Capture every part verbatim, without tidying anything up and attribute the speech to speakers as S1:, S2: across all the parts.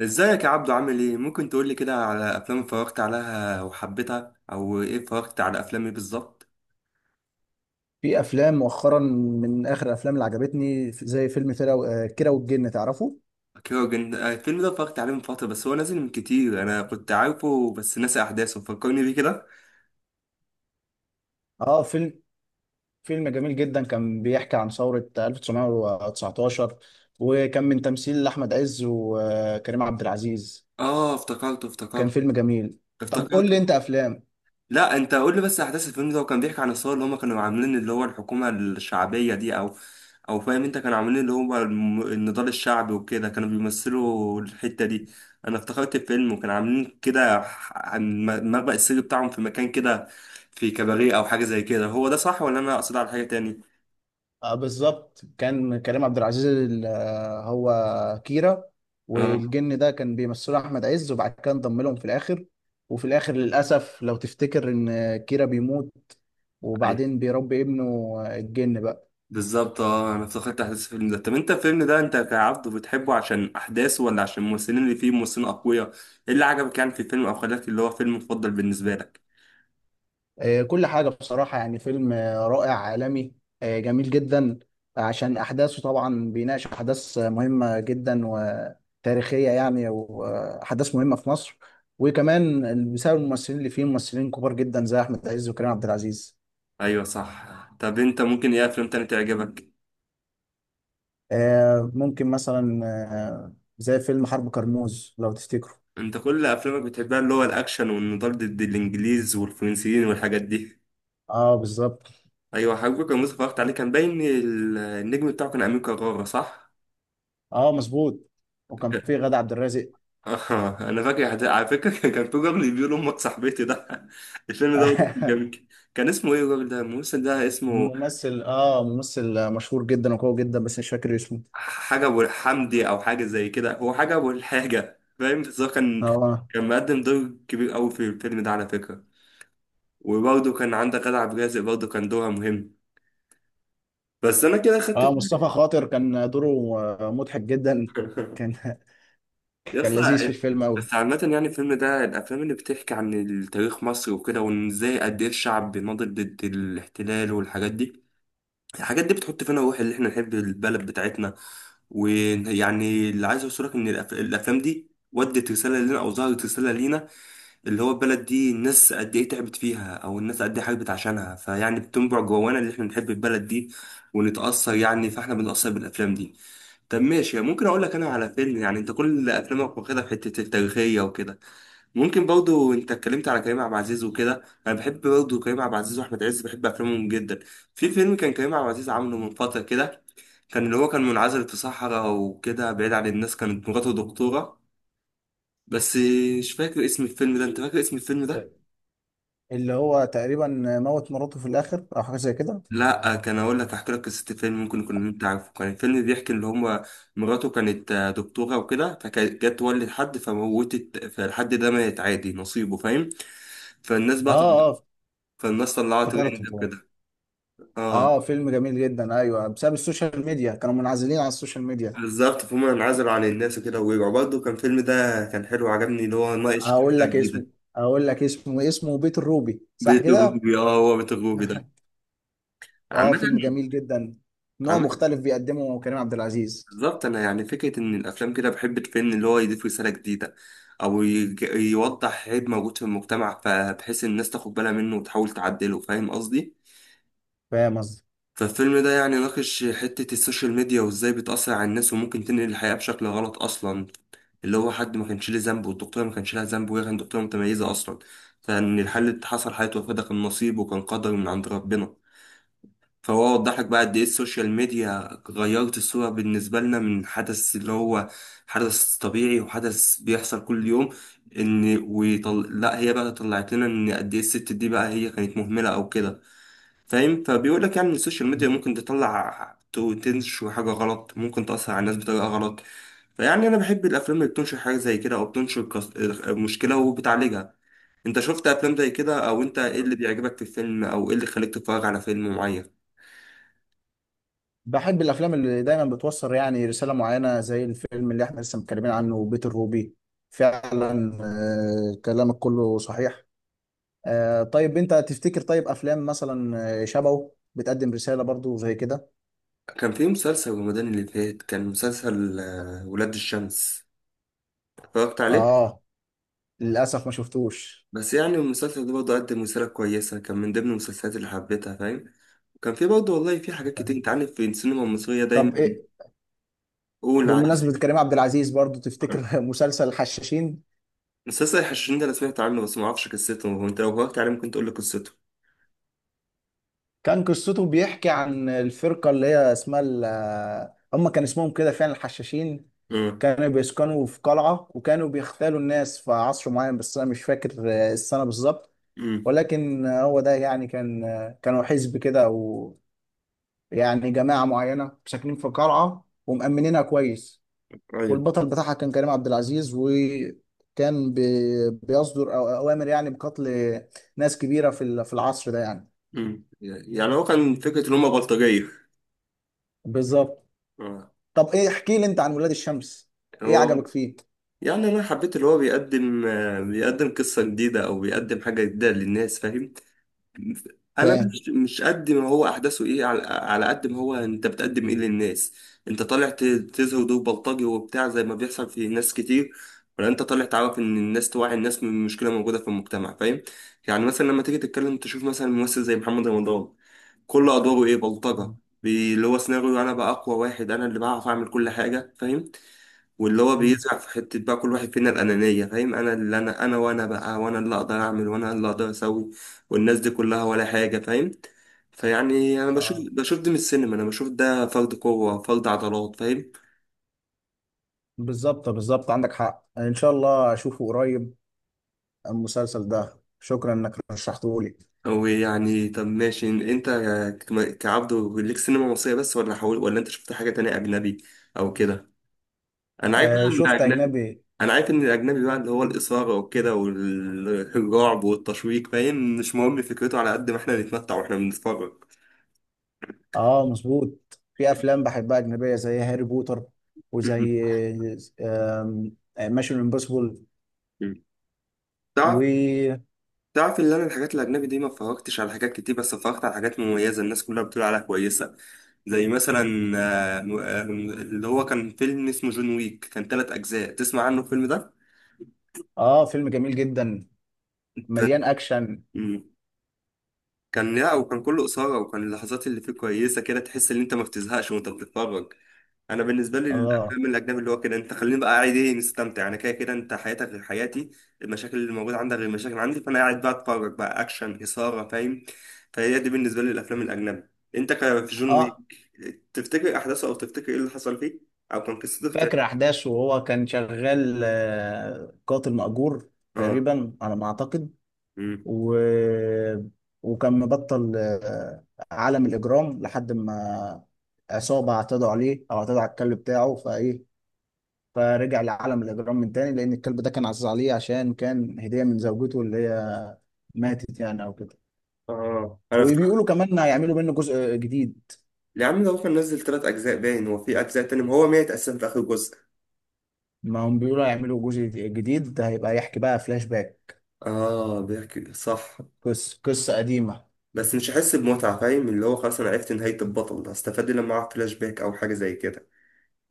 S1: ازيك يا عبدو؟ عامل ايه؟ ممكن تقولي كده على افلام اتفرجت عليها وحبيتها، او ايه اتفرجت على افلام ايه بالظبط؟
S2: في افلام مؤخرا من اخر الافلام اللي عجبتني زي فيلم كيرة و- آه، كيرة والجن، تعرفه؟
S1: كيروجن. آه، الفيلم ده اتفرجت عليه من فتره، بس هو نازل من كتير. انا كنت عارفه بس ناسي احداثه، فكرني بيه كده.
S2: اه، فيلم فيلم جميل جدا، كان بيحكي عن ثورة ألف وتسعمية وتسعتاشر، وكان من تمثيل احمد عز وكريم عبد العزيز.
S1: اه افتكرته.
S2: كان
S1: افتكرته
S2: فيلم جميل. طب قول
S1: افتكرته
S2: لي انت افلام.
S1: لا انت قول لي بس احداث الفيلم ده، وكان بيحكي عن الثوره اللي هم كانوا عاملين، اللي هو الحكومه الشعبيه دي او او فاهم انت، كانوا عاملين اللي هو الم- النضال الشعبي وكده، كانوا بيمثلوا الحته دي. انا افتكرت الفيلم، وكانوا عاملين كده ح- عن م- مخبأ السر بتاعهم في مكان كده، في كباريه او حاجه زي كده. هو ده صح ولا انا اقصد على حاجه تاني؟
S2: آه، بالظبط، كان كريم عبد العزيز ال- آه، هو كيرا،
S1: اه
S2: والجن ده كان بيمثله احمد عز، وبعد كده انضم لهم في الاخر. وفي الاخر للاسف لو تفتكر ان كيرا بيموت، وبعدين بيربي ابنه آه، الجن بقى.
S1: بالظبط، اه انا افتكرت احداث الفيلم ده. طب انت الفيلم ده، انت كعبد بتحبه عشان احداثه ولا عشان الممثلين اللي فيه ممثلين اقوياء؟ ايه اللي عجبك يعني في الفيلم او خلاك اللي هو فيلم مفضل بالنسبه لك؟
S2: آه، كل حاجة بصراحة، يعني فيلم آه، رائع عالمي، آه، جميل جدا. عشان أحداثه طبعا بيناقش أحداث آه، مهمة جدا وتاريخية يعني، وأحداث مهمة في مصر. وكمان بسبب الممثلين اللي فيه ممثلين كبار جدا زي أحمد عز وكريم عبد العزيز.
S1: ايوه صح. طب انت ممكن ايه افلام تاني تعجبك؟
S2: آه، ممكن مثلا آه، زي فيلم حرب كرموز لو تفتكروا.
S1: انت كل افلامك بتحبها اللي هو الاكشن والنضال ضد الانجليز والفرنسيين والحاجات دي.
S2: اه بالظبط.
S1: ايوه حبيبي، كان مصطفى اتفرجت عليه. كان باين ال- النجم بتاعه كان امين كرارة، صح.
S2: اه مظبوط، وكان فيه غادة عبد الرازق.
S1: آه، انا فاكر حد- على فكره كان في راجل بيقول امك صاحبتي ده الفيلم ده برضه كان جميل. كان اسمه ايه الراجل ده؟ الممثل ده اسمه؟
S2: ممثل، اه ممثل مشهور جدا وقوي جدا، بس مش فاكر اسمه.
S1: حاجه ابو الحمدي او حاجه زي كده. هو حاجه ابو الحاجه، فاهم. بس هو كان
S2: اه،
S1: كان مقدم دور كبير قوي في الفيلم ده على فكره. وبرضه كان عندك غادة عبد الرازق، برضه كان دورها مهم. بس انا كده خدت
S2: اه، مصطفى خاطر كان دوره آه، مضحك جدا. كان
S1: يا
S2: كان
S1: اسطى.
S2: لذيذ في الفيلم قوي.
S1: بس عامة يعني الفيلم ده، الأفلام اللي بتحكي عن التاريخ مصر وكده، وإن إزاي قد إيه الشعب بيناضل ضد الاحتلال والحاجات دي. الحاجات دي بتحط فينا روح اللي احنا نحب البلد بتاعتنا. ويعني اللي عايز اوصلك ان الأف- الافلام دي ودت رساله لنا او ظهرت رساله لينا. اللي هو البلد دي الناس قد ايه تعبت فيها او الناس قد ايه حاربت عشانها، فيعني بتنبع جوانا اللي احنا نحب البلد دي ونتاثر. يعني فاحنا بنتاثر بالافلام دي. طب ماشي، ممكن اقول لك انا على فيلم؟ يعني انت كل افلامك واخدها في حته التاريخيه وكده. ممكن برضو، انت اتكلمت على كريم عبد العزيز وكده، انا بحب برضو كريم عبد العزيز واحمد عز، بحب افلامهم جدا. في فيلم كان كريم عبد العزيز عامله من فتره كده، كان اللي هو كان منعزل في صحراء وكده بعيد عن الناس، كانت مراته دكتوره بس. مش فاكر اسم الفيلم ده، انت فاكر اسم الفيلم ده؟
S2: اللي هو تقريبا موت مراته في الاخر او حاجه زي كده.
S1: لا كان اقول لك، احكي لك قصه الفيلم، ممكن يكون انت عارفه. كان الفيلم بيحكي اللي هم، مراته كانت آه، دكتوره وكده، فكانت جت تولد حد فموتت، فالحد ده مات عادي نصيبه، فاهم. فالناس
S2: اه،
S1: بقى طل...
S2: اه،
S1: فالناس طلعت
S2: افتكرته
S1: ترند
S2: طبعا.
S1: وكده. اه
S2: اه، فيلم جميل جدا. ايوه، بسبب السوشيال ميديا كانوا منعزلين على السوشيال ميديا.
S1: بالظبط، فهم انعزلوا عن الناس وكده ورجعوا برضه. كان الفيلم ده كان حلو، عجبني اللي هو ناقش قصة
S2: هقول لك
S1: جديدة.
S2: اسمه هقول لك اسمه اسمه بيت الروبي، صح
S1: بيت
S2: كده؟
S1: الروبي، اه هو بيت الروبي ده.
S2: اه،
S1: عامة
S2: فيلم جميل جدا. نوع
S1: عامة
S2: مختلف بيقدمه كريم عبد العزيز.
S1: بالظبط، أنا يعني فكرة إن الأفلام كده، بحب الفيلم اللي هو يضيف رسالة جديدة أو يج- يوضح عيب موجود في المجتمع، فبحيث الناس تاخد بالها منه وتحاول تعدله. فاهم قصدي؟
S2: فاهم قصدي.
S1: فالفيلم ده يعني ناقش حتة السوشيال ميديا وازاي بتأثر على الناس، وممكن تنقل الحياة بشكل غلط أصلا. اللي هو حد ما كانش ليه ذنب، والدكتورة ما كانش لها ذنب، وهي كانت دكتورة متميزة أصلا. فإن الحل اللي حصل حياة وفاة ده كان نصيب وكان قدر من عند ربنا. فهو وضح لك بقى قد إيه السوشيال ميديا غيرت الصورة بالنسبة لنا، من حدث اللي هو حدث طبيعي وحدث بيحصل كل يوم. إن ويطل... لا هي بقى طلعت لنا إن قد إيه الست دي بقى هي كانت مهملة أو كده، فاهم. فبيقول لك يعني ان السوشيال ميديا ممكن تطلع تو- تنشر حاجه غلط، ممكن تاثر على الناس بطريقه غلط. فيعني انا بحب الافلام اللي بتنشر حاجه زي كده او بتنشر قص- مشكله وبتعالجها. انت شفت افلام زي كده؟ او انت ايه اللي بيعجبك في الفيلم؟ او ايه اللي خليك تتفرج على فيلم معين؟
S2: بحب الافلام اللي دايما بتوصل يعني رساله معينه، زي الفيلم اللي احنا لسه متكلمين عنه بيت الروبي. فعلا، آه، كلامك كله صحيح. آه، طيب انت تفتكر، طيب افلام مثلا آه، شبهه بتقدم رساله برضو زي كده؟
S1: كان في مسلسل رمضان اللي فات، كان مسلسل آه، ولاد الشمس، اتفرجت عليه.
S2: اه، للاسف ما شفتوش.
S1: بس يعني المسلسل ده برضه قدم رسالة كويسة، كان من ضمن المسلسلات اللي حبيتها، فاهم. وكان في برضه والله في حاجات كتير، انت عارف في السينما المصرية
S2: طب
S1: دايما.
S2: ايه؟
S1: قول.
S2: بمناسبه كريم عبد العزيز برضو، تفتكر مسلسل الحشاشين.
S1: مسلسل الحشاشين ده انا سمعت عنه بس ما اعرفش قصته، وانت لو وقفت عليه ممكن تقول لي قصته.
S2: كان قصته بيحكي عن الفرقه اللي هي اسمها ال- آه، هم كان اسمهم كده فعلا الحشاشين.
S1: امم.
S2: كانوا بيسكنوا في قلعة، وكانوا بيختالوا الناس في عصر معين، بس أنا مش فاكر آه، السنة بالظبط.
S1: امم.
S2: ولكن آه، هو ده يعني كان آه، كانوا حزب كده، أو يعني جماعة معينة ساكنين في قلعة ومأمنينها كويس.
S1: ايوه.
S2: والبطل بتاعها كان كريم عبد العزيز، وكان بي- بيصدر أو- أوامر يعني بقتل ناس كبيرة في ال- في العصر ده يعني.
S1: امم. يعني هو كان فكره ان هم بلطجيه.
S2: بالظبط.
S1: آه.
S2: طب إيه، احكي لي أنت عن ولاد الشمس، إيه
S1: هو.
S2: عجبك فيه؟
S1: يعني انا حبيت اللي هو بيقدم آه، بيقدم قصه جديده او بيقدم حاجه جديده للناس، فاهم. انا
S2: فاهم.
S1: مش مش قد ما هو احداثه ايه، على, على قد ما هو انت بتقدم ايه للناس. انت طالع ت- تزهد دور بلطجي وبتاع زي ما بيحصل في ناس كتير، ولا انت طالع تعرف ان الناس توعي الناس من مشكله موجوده في المجتمع، فاهم. يعني مثلا لما تيجي تتكلم، تشوف مثلا ممثل زي محمد رمضان، كل ادواره ايه؟ بلطجه. بي- اللي هو سيناريو، انا بقى اقوى واحد، انا اللي بعرف اعمل كل حاجه، فاهم. واللي هو
S2: مم.
S1: بيزرع في حتة بقى كل واحد فينا الأنانية، فاهم. أنا اللي أنا أنا وأنا بقى، وأنا اللي أقدر أعمل، وأنا اللي أقدر أسوي. والناس دي كلها ولا حاجة، فاهم. فيعني أنا بشوف بشوف ده من السينما، أنا بشوف ده فرد قوة فرد عضلات، فاهم.
S2: بالظبط، بالظبط، عندك حق. ان شاء الله اشوفه قريب المسلسل ده، شكرا انك رشحته لي.
S1: أو يعني طب ماشي، أنت ك- كعبد ليك سينما مصرية بس، ولا حاول، ولا أنت شفت حاجة تانية أجنبي أو كده؟ أنا عارف بقى
S2: آه،
S1: إن
S2: شفت
S1: الأجنبي،
S2: اجنبي.
S1: أنا عارف إن الأجنبي بقى اللي هو الإثارة وكده والرعب والتشويق، فاهم. مش مهم فكرته على قد ما إحنا نتمتع وإحنا بنتفرج.
S2: اه مظبوط، في افلام بحبها اجنبيه زي هاري بوتر وزي
S1: مم.
S2: ميشن امبوسيبل.
S1: مم. تعرف
S2: و
S1: تعرف ان انا الحاجات الاجنبي دي ما اتفرجتش على حاجات كتير، بس اتفرجت على حاجات مميزه الناس كلها بتقول عليها كويسه. زي مثلا آه، م- آه، اللي هو كان فيلم اسمه جون ويك، كان ثلاث اجزاء. تسمع عنه الفيلم ده؟
S2: اه فيلم جميل جدا
S1: كان.
S2: مليان اكشن.
S1: مم. كان لا، وكان كله اثاره، وكان اللحظات اللي فيه كويسه كده، تحس ان انت ما بتزهقش وانت بتتفرج. انا بالنسبه لي
S2: اه،
S1: الافلام الاجنبي اللي هو كده، انت خليني بقى قاعد ايه مستمتع. انا كده كده انت حياتك غير حياتي، المشاكل اللي موجوده عندك غير المشاكل عندي، فانا قاعد بقى اتفرج بقى اكشن اثاره، فاهم. فهي دي بالنسبه لي الافلام الاجنبي. انت ك- في جون ويك،
S2: اه،
S1: تفتكر احداثه؟ او تفتكر ايه اللي حصل فيه؟ او كان قصته
S2: فاكر
S1: بتاع-
S2: احداثه، وهو كان شغال آه قاتل مأجور
S1: اه.
S2: تقريبا على ما اعتقد.
S1: امم.
S2: و... وكان مبطل آه، عالم الإجرام لحد ما عصابة اعتدوا عليه أو اعتدوا على الكلب بتاعه، فإيه، فرجع لعالم الإجرام من تاني، لأن الكلب ده كان عزيز عليه عشان كان هدية من زوجته اللي هي ماتت يعني أو كده.
S1: اه انا افتكر.
S2: وبيقولوا كمان هيعملوا منه جزء جديد.
S1: يا عم ده هو كان نزل ثلاث اجزاء، باين هو في اجزاء تاني. ما هو مات اصلا في اخر جزء.
S2: ما هم بيقولوا هيعملوا جزء جديد، ده هيبقى يحكي بقى فلاش باك،
S1: اه بيحكي صح.
S2: قصة قصة قديمة.
S1: بس مش هحس بمتعة، فاهم. اللي هو خلاص أنا عرفت نهاية البطل، هستفاد إيه لما أعرف فلاش باك أو حاجة زي كده؟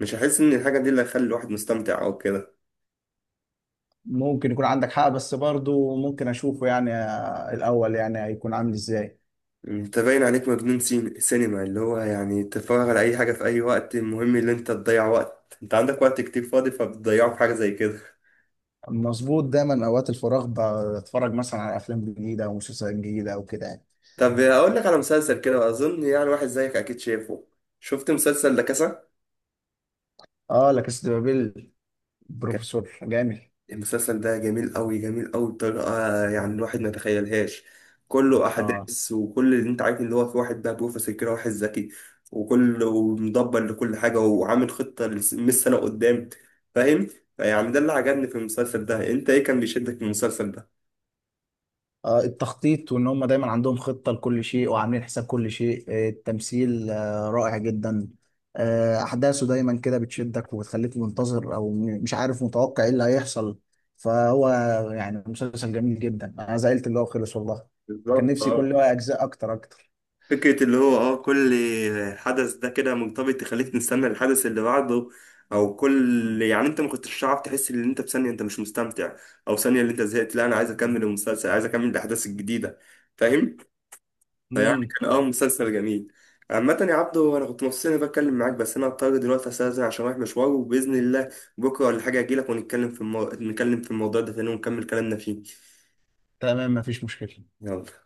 S1: مش هحس إن الحاجة دي اللي هتخلي الواحد مستمتع أو كده.
S2: ممكن يكون عندك حق، بس برضو ممكن أشوفه يعني آه، الأول، يعني هيكون عامل إزاي.
S1: أنت باين عليك مجنون سين- سينما، اللي هو يعني تتفرج على أي حاجة في أي وقت، المهم إن أنت تضيع وقت. أنت عندك وقت كتير فاضي، فبتضيعه في حاجة زي كده.
S2: مظبوط، دايما اوقات الفراغ بتفرج مثلا على افلام جديده او مسلسلات جديده او كده يعني.
S1: طب أقول لك على مسلسل كده، أظن يعني واحد زيك أكيد شايفه. شفت مسلسل لا كاسا؟
S2: اه، لا كاس دي بابيل، بروفيسور جامد.
S1: المسلسل ده جميل قوي، جميل قوي بطريقة آه، يعني الواحد ما يتخيلهاش. كله
S2: اه.
S1: أحداث، وكل اللي أنت عارف إن هو في واحد بقى بروفيسور كده، واحد ذكي وكله مدبر لكل حاجة، وعامل خطة لس- مية سنة قدام، فاهم؟ فيعني ده اللي عجبني في المسلسل ده. أنت إيه كان بيشدك في المسلسل ده؟
S2: آه، التخطيط، وان هم دايما عندهم خطه لكل شيء وعاملين حساب كل شيء. آه، التمثيل آه، رائع جدا. آه، احداثه دايما كده بتشدك وبتخليك منتظر، او م- مش عارف متوقع ايه اللي هيحصل. فهو يعني مسلسل جميل جدا، انا زعلت اللي هو خلص والله. كان
S1: بالظبط.
S2: نفسي يكون له اجزاء اكتر اكتر.
S1: فكرة اللي هو اه كل حدث ده كده مرتبط، تخليك نستنى الحدث اللي بعده. او كل يعني انت ما كنتش تعرف تحس ان انت في ثانية انت مش مستمتع، او ثانية اللي انت زهقت. لا انا عايز اكمل المسلسل، عايز اكمل الاحداث الجديدة، فاهم؟ فيعني
S2: امم.
S1: كان اه مسلسل جميل. عامة يا عبدو انا كنت مبسوط اني بتكلم معاك، بس انا هضطر دلوقتي استاذن عشان رايح مشوار، وباذن الله بكرة ولا حاجة اجيلك ونتكلم في المو... نتكلم في الموضوع ده تاني ونكمل كلامنا فيه.
S2: تمام، مفيش مشكله.
S1: يلا.